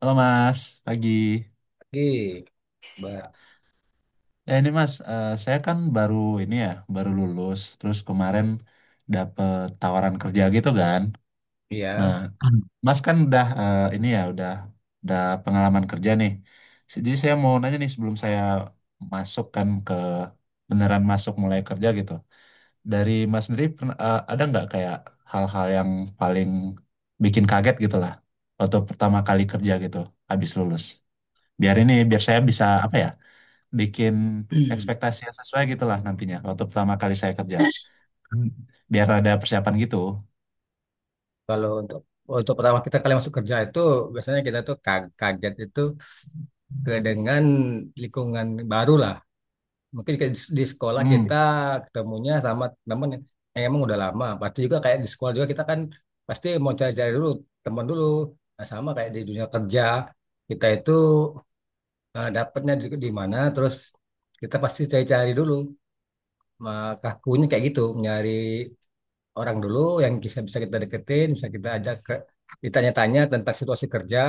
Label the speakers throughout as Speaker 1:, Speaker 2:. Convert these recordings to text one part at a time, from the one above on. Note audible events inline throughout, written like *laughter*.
Speaker 1: Halo Mas, pagi.
Speaker 2: Gig, Mbak.
Speaker 1: Ya ini Mas, saya kan baru ini ya, baru lulus. Terus kemarin dapet tawaran kerja gitu kan. Nah,
Speaker 2: Ya.
Speaker 1: Mas kan udah ini ya, udah pengalaman kerja nih. Jadi saya mau nanya nih sebelum saya masuk kan ke beneran masuk mulai kerja gitu. Dari Mas sendiri ada nggak kayak hal-hal yang paling bikin kaget gitu lah waktu pertama kali kerja gitu habis lulus. Biar saya bisa apa ya? Bikin ekspektasi
Speaker 2: *clears throat*
Speaker 1: yang sesuai gitu lah nantinya waktu pertama kali saya kerja. Hmm. Biar ada persiapan gitu.
Speaker 2: Kalau untuk untuk pertama kali masuk kerja itu biasanya kita tuh kaget itu ke dengan lingkungan baru lah. Mungkin kayak di sekolah
Speaker 1: Hmm.
Speaker 2: kita ketemunya sama teman yang emang udah lama. Pasti juga kayak di sekolah juga kita kan pasti mau cari-cari dulu teman dulu. Nah, sama kayak di dunia kerja kita itu dapatnya di mana. Terus kita pasti cari-cari dulu. Maka kakunya kayak gitu, nyari orang dulu yang bisa bisa kita deketin, bisa kita ajak ke ditanya-tanya tentang situasi kerja.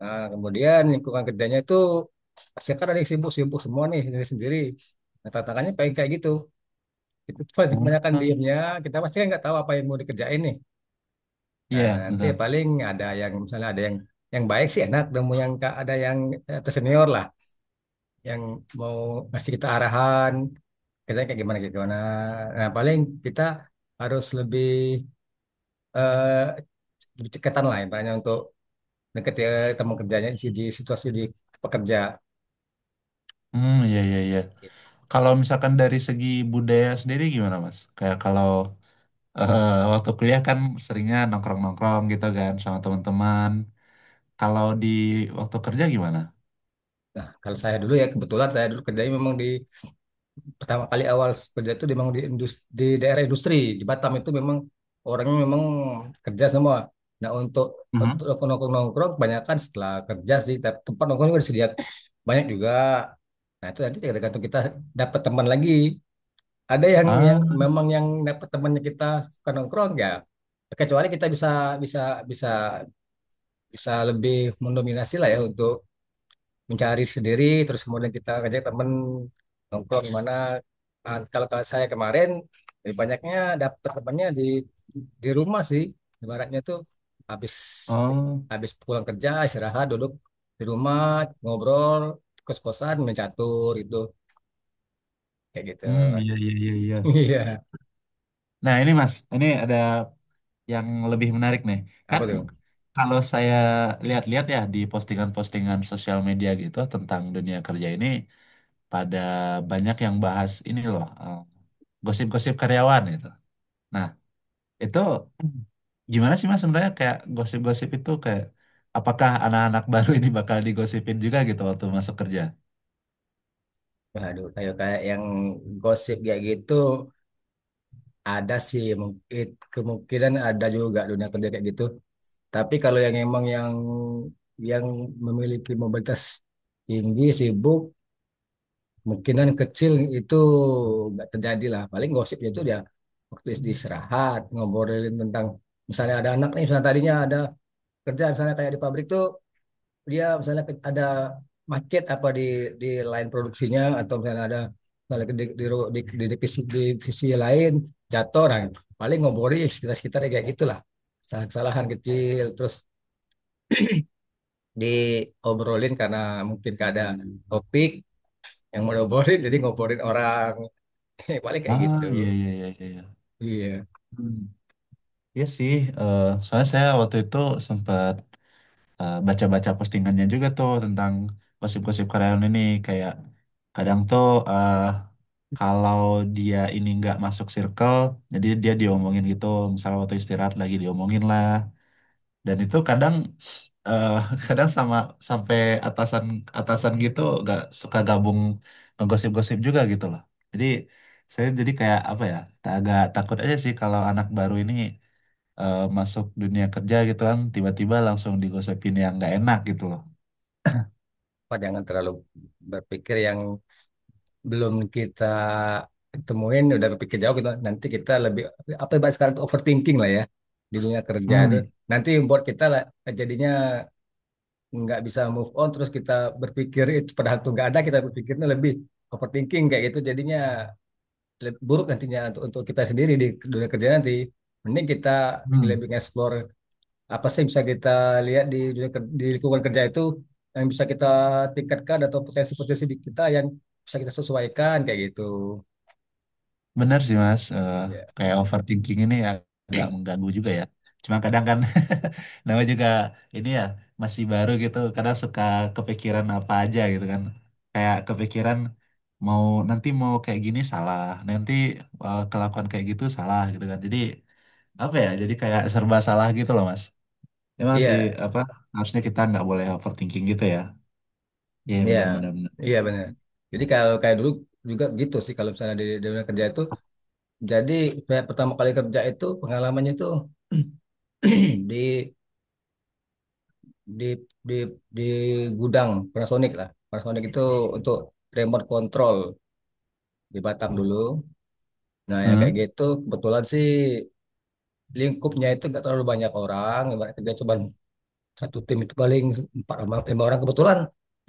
Speaker 2: Nah, kemudian lingkungan kerjanya itu pasti kan ada yang sibuk-sibuk semua nih sendiri sendiri. Nah, tantangannya pengen kayak gitu. Itu *laughs* paling kebanyakan
Speaker 1: Hmm.
Speaker 2: diemnya, kita pasti kan nggak tahu apa yang mau dikerjain nih. Nah,
Speaker 1: Iya,
Speaker 2: nanti
Speaker 1: betul.
Speaker 2: paling ada yang misalnya, ada yang baik sih enak, temu yang, ada yang tersenior lah, yang mau ngasih kita arahan, kerjanya kayak gimana kayak gimana. Nah, paling kita harus lebih ceketan lah intinya untuk deket ya teman kerjanya di situasi di pekerja.
Speaker 1: Hmm, iya, iya, iya. Kalau misalkan dari segi budaya sendiri gimana, Mas? Kayak kalau eh, waktu kuliah kan seringnya nongkrong-nongkrong gitu kan sama teman-teman. Kalau di waktu kerja gimana?
Speaker 2: Nah, kalau saya dulu, ya kebetulan saya dulu kerjanya memang di pertama kali awal kerja itu memang di industri, di daerah industri di Batam itu memang orangnya memang kerja semua. Nah,
Speaker 1: Mhm.
Speaker 2: untuk nongkrong nongkrong kebanyakan setelah kerja sih, tapi tempat nongkrong juga disediakan banyak juga. Nah, itu nanti tergantung kita dapat teman lagi. Ada yang
Speaker 1: Ah,
Speaker 2: memang yang dapat temannya, kita suka nongkrong ya. Kecuali kita bisa bisa bisa bisa lebih mendominasi lah ya untuk mencari sendiri, terus kemudian kita ngajak temen nongkrong di mana. Ah, kalau saya kemarin lebih banyaknya dapat temannya di rumah sih, ibaratnya tuh habis
Speaker 1: oh,
Speaker 2: habis pulang kerja istirahat duduk di rumah ngobrol, kos-kosan main catur gitu, kayak gitu.
Speaker 1: hmm, iya, iya, iya, iya.
Speaker 2: *laughs* Iya,
Speaker 1: Nah, ini Mas, ini ada yang lebih menarik nih.
Speaker 2: apa
Speaker 1: Kan
Speaker 2: tuh.
Speaker 1: kalau saya lihat-lihat ya di postingan-postingan sosial media gitu tentang dunia kerja ini pada banyak yang bahas ini loh, gosip-gosip karyawan gitu. Nah, itu gimana sih Mas sebenarnya kayak gosip-gosip itu kayak apakah anak-anak *laughs* baru ini bakal digosipin juga gitu waktu masuk kerja?
Speaker 2: Waduh, kayak kayak yang gosip kayak gitu ada sih mungkin, kemungkinan ada juga dunia kerja kayak gitu. Tapi kalau yang emang yang memiliki mobilitas tinggi sibuk, kemungkinan kecil itu nggak terjadi lah. Paling gosip itu dia waktu istirahat ngobrolin tentang misalnya ada anak nih, misalnya tadinya ada kerja misalnya kayak di pabrik tuh, dia misalnya ada macet apa di di lain produksinya, atau misalnya ada misalnya di divisi, divisi lain jatuh orang. Paling ngobrolin sekitar sekitar kayak gitulah, kesalahan kesalahan kecil terus diobrolin karena mungkin gak ada topik yang mau diobrolin, jadi ngobrolin orang. *laughs* Paling kayak
Speaker 1: Ah,
Speaker 2: gitu,
Speaker 1: iya, iya, iya, iya, iya.
Speaker 2: iya.
Speaker 1: Hmm. Iya sih, soalnya saya waktu itu sempat baca-baca postingannya juga tuh tentang gosip-gosip karyawan ini kayak kadang tuh, eh, kalau dia ini nggak masuk circle jadi dia diomongin gitu, misalnya waktu istirahat lagi diomongin lah, dan itu kadang eh, *laughs* kadang sama sampai atasan atasan gitu gak suka gabung ngegosip-gosip juga gitu loh. Jadi saya jadi kayak apa ya, agak takut aja sih kalau anak baru ini masuk dunia kerja gitu kan tiba-tiba langsung digosipin yang nggak enak gitu loh.
Speaker 2: Pak, jangan terlalu berpikir yang belum kita temuin udah berpikir jauh gitu, nanti kita lebih apa yang bahas sekarang tuh overthinking lah ya di dunia kerja itu.
Speaker 1: Hmm.
Speaker 2: Nanti buat kita lah jadinya nggak bisa move on, terus kita berpikir itu padahal tuh nggak ada, kita berpikirnya lebih overthinking kayak gitu, jadinya buruk nantinya untuk kita sendiri di dunia kerja nanti. Mending kita
Speaker 1: Hmm.
Speaker 2: lebih nge-explore apa sih yang bisa kita lihat di dunia di lingkungan kerja itu, yang bisa kita tingkatkan atau potensi-potensi di kita yang bisa kita sesuaikan kayak gitu.
Speaker 1: Benar sih Mas.
Speaker 2: Iya,
Speaker 1: Kayak overthinking ini ya agak mengganggu juga ya. Cuma kadang kan *laughs* namanya juga ini ya masih baru gitu, kadang suka kepikiran apa aja gitu kan. Kayak kepikiran mau nanti mau kayak gini salah, nanti kelakuan kayak gitu salah gitu kan. Jadi apa ya? Jadi kayak serba salah gitu loh Mas. Emang sih
Speaker 2: iya,
Speaker 1: apa harusnya kita nggak boleh overthinking gitu ya. Iya,
Speaker 2: iya,
Speaker 1: benar, benar, benar.
Speaker 2: iya benar. Jadi kalau kayak dulu juga gitu sih, kalau misalnya di dunia kerja itu. Jadi saya pertama kali kerja itu pengalamannya itu *clears throat* di di di di gudang Panasonic lah. Panasonic itu untuk remote control di Batam dulu. Nah, yang kayak
Speaker 1: Hmm?
Speaker 2: gitu kebetulan sih lingkupnya itu nggak terlalu banyak orang. Ibarat kerja cuma satu tim itu paling empat orang- lima orang, kebetulan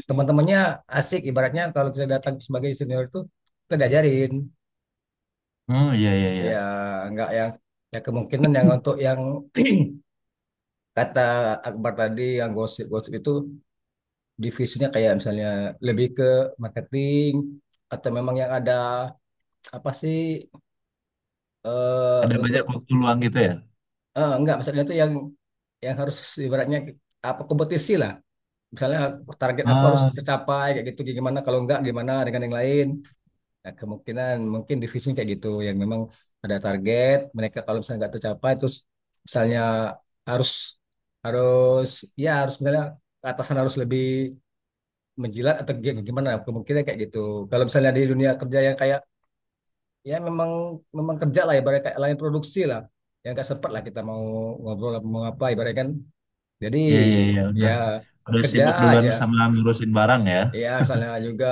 Speaker 2: teman-temannya asik, ibaratnya kalau kita datang sebagai senior itu kita diajarin.
Speaker 1: Oh, iya, iya, iya.
Speaker 2: Ya, nggak yang, ya kemungkinan yang untuk yang *clears throat* kata Akbar tadi yang gosip-gosip itu, divisinya kayak misalnya lebih ke marketing, atau memang yang ada apa sih
Speaker 1: Ada banyak
Speaker 2: untuk.
Speaker 1: waktu luang gitu ya.
Speaker 2: Enggak, maksudnya itu yang harus ibaratnya apa, kompetisi lah misalnya, target aku harus
Speaker 1: Oh.
Speaker 2: tercapai kayak gitu, gimana kalau enggak, gimana dengan yang lain. Nah, kemungkinan mungkin divisi kayak gitu yang memang ada target mereka, kalau misalnya nggak tercapai terus misalnya harus harus ya harus misalnya atasan harus lebih menjilat atau gimana, kemungkinan kayak gitu. Kalau misalnya di dunia kerja yang kayak ya memang memang kerja lah, ibaratnya kayak lain produksi lah, yang nggak sempat lah kita mau ngobrol apa- mau apa ibaratnya kan. Jadi
Speaker 1: Iya, iya, iya,
Speaker 2: ya
Speaker 1: udah. Udah
Speaker 2: kerja
Speaker 1: sibuk duluan
Speaker 2: aja.
Speaker 1: sama ngurusin barang ya.
Speaker 2: Ya misalnya juga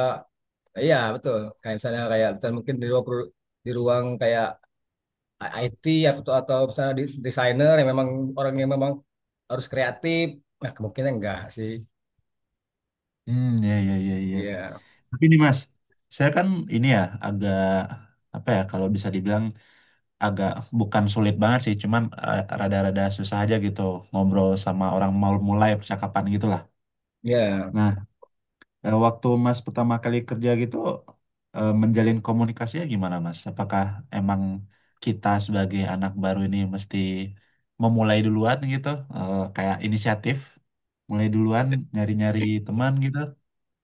Speaker 2: iya betul, kayak misalnya mungkin di ruang di ruang kayak IT, atau misalnya di- desainer yang memang orang yang memang harus kreatif, nah kemungkinan enggak sih.
Speaker 1: Hmm, iya, iya, iya, iya.
Speaker 2: Iya,
Speaker 1: Tapi nih Mas, saya kan ini ya agak apa ya kalau bisa dibilang agak bukan sulit banget sih, cuman rada-rada susah aja gitu ngobrol sama orang mau mulai percakapan gitu lah.
Speaker 2: iya,
Speaker 1: Nah, waktu Mas pertama kali kerja gitu, menjalin komunikasinya gimana Mas? Apakah emang kita sebagai anak baru ini mesti memulai duluan gitu, kayak inisiatif, mulai duluan nyari-nyari teman gitu?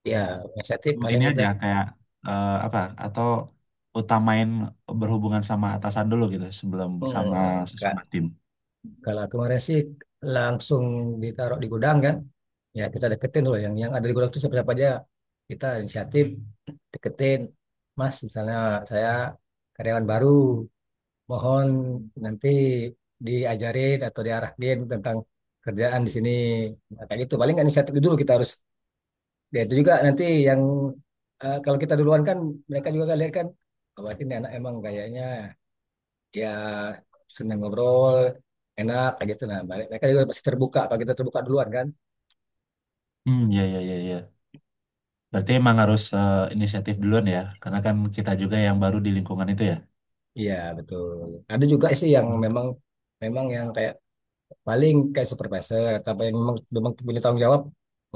Speaker 2: iya, inisiatif
Speaker 1: Atau
Speaker 2: paling
Speaker 1: ini
Speaker 2: kita.
Speaker 1: aja kayak apa? Atau utamain berhubungan sama atasan dulu gitu sebelum
Speaker 2: Hmm,
Speaker 1: sama
Speaker 2: enggak,
Speaker 1: sesama tim?
Speaker 2: kalau kemarin sih langsung ditaruh di gudang kan, ya kita deketin dulu yang ada di gudang itu siapa siapa aja. Kita inisiatif deketin, Mas misalnya saya karyawan baru, mohon nanti diajarin atau diarahin tentang kerjaan di sini. Nah, kayak gitu. Paling kan inisiatif dulu kita harus. Ya itu juga nanti yang kalau kita duluan kan mereka juga kan lihat kan bahwa ini anak emang kayaknya ya senang ngobrol, enak kayak gitu. Nah, mereka juga pasti terbuka kalau kita terbuka duluan kan.
Speaker 1: Hmm, ya, ya, ya, ya. Berarti emang harus inisiatif duluan ya, karena kan kita juga yang baru di lingkungan itu ya.
Speaker 2: Iya, betul. Ada juga sih yang memang memang yang kayak paling kayak supervisor, tapi yang memang memang punya tanggung jawab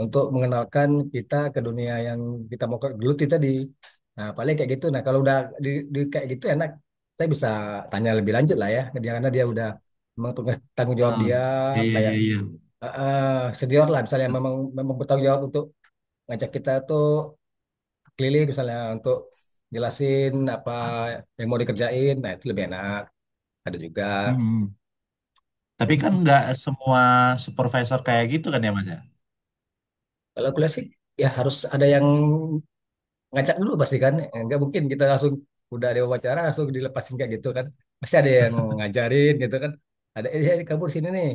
Speaker 2: untuk mengenalkan kita ke dunia yang kita mau geluti tadi, nah paling kayak gitu. Nah, kalau udah di, kayak gitu enak, saya bisa tanya lebih lanjut lah ya dia, karena dia udah memang tugas tanggung jawab
Speaker 1: Ah,
Speaker 2: dia.
Speaker 1: iya, iya,
Speaker 2: Kayak
Speaker 1: iya, iya.
Speaker 2: senior lah, misalnya memang memang bertanggung jawab untuk ngajak kita tuh keliling misalnya untuk jelasin apa yang mau dikerjain, nah itu lebih enak. Ada juga
Speaker 1: Mm-mm. Tapi kan nggak semua supervisor kayak gitu kan ya Mas ya?
Speaker 2: kalau kuliah sih ya harus ada yang ngacak dulu pasti kan. Eh, nggak mungkin kita langsung udah ada wawancara langsung dilepasin kayak gitu kan, pasti ada yang ngajarin gitu kan. Ada kamu di sini nih,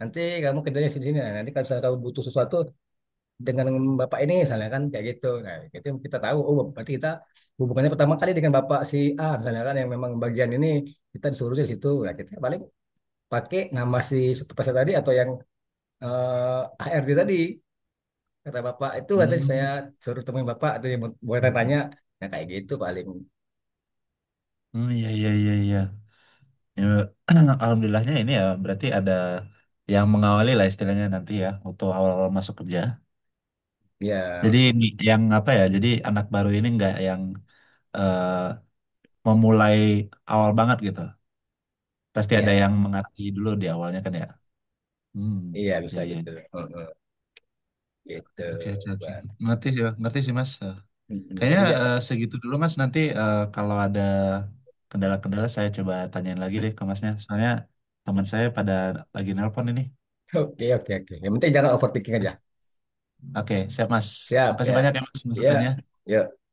Speaker 2: nanti kamu kerjanya di sini. Nah, nanti kalau misalnya kamu butuh sesuatu dengan bapak ini misalnya kan, kayak gitu. Nah gitu kita tahu, oh berarti kita hubungannya pertama kali dengan bapak si A misalnya kan, yang memang bagian ini kita disuruh di situ. Nah, kita paling pakai nama si supervisor tadi atau yang HRD tadi, kata bapak itu katanya saya
Speaker 1: Hmm.
Speaker 2: suruh temuin bapak, atau yang buat tanya. Nah kayak gitu paling.
Speaker 1: Hmm, iya, iya, iya, iya. Ya, kan alhamdulillahnya ini ya berarti ada yang mengawali lah istilahnya nanti ya waktu awal-awal masuk kerja. Jadi
Speaker 2: Ya,
Speaker 1: ini yang apa ya? Jadi anak baru ini nggak yang eh, memulai awal banget gitu. Pasti ada
Speaker 2: ya,
Speaker 1: yang mengerti dulu di awalnya kan ya. Hmm,
Speaker 2: iya bisa
Speaker 1: iya, iya.
Speaker 2: gitu. Heeh, gitu,
Speaker 1: Oke, oke, oke.
Speaker 2: buat.
Speaker 1: Ngerti sih, ngerti sih Mas.
Speaker 2: Mm, mm.
Speaker 1: Kayaknya
Speaker 2: Jadi ya,
Speaker 1: segitu dulu Mas. Nanti kalau ada kendala-kendala saya coba tanyain lagi deh ke Masnya. Soalnya teman saya pada lagi nelpon ini.
Speaker 2: *laughs* oke, oke, oke. Yang penting jangan overthinking aja.
Speaker 1: Oke, siap Mas.
Speaker 2: Siap,
Speaker 1: Makasih
Speaker 2: ya.
Speaker 1: banyak ya Mas
Speaker 2: Ya,
Speaker 1: masukannya.
Speaker 2: yuk.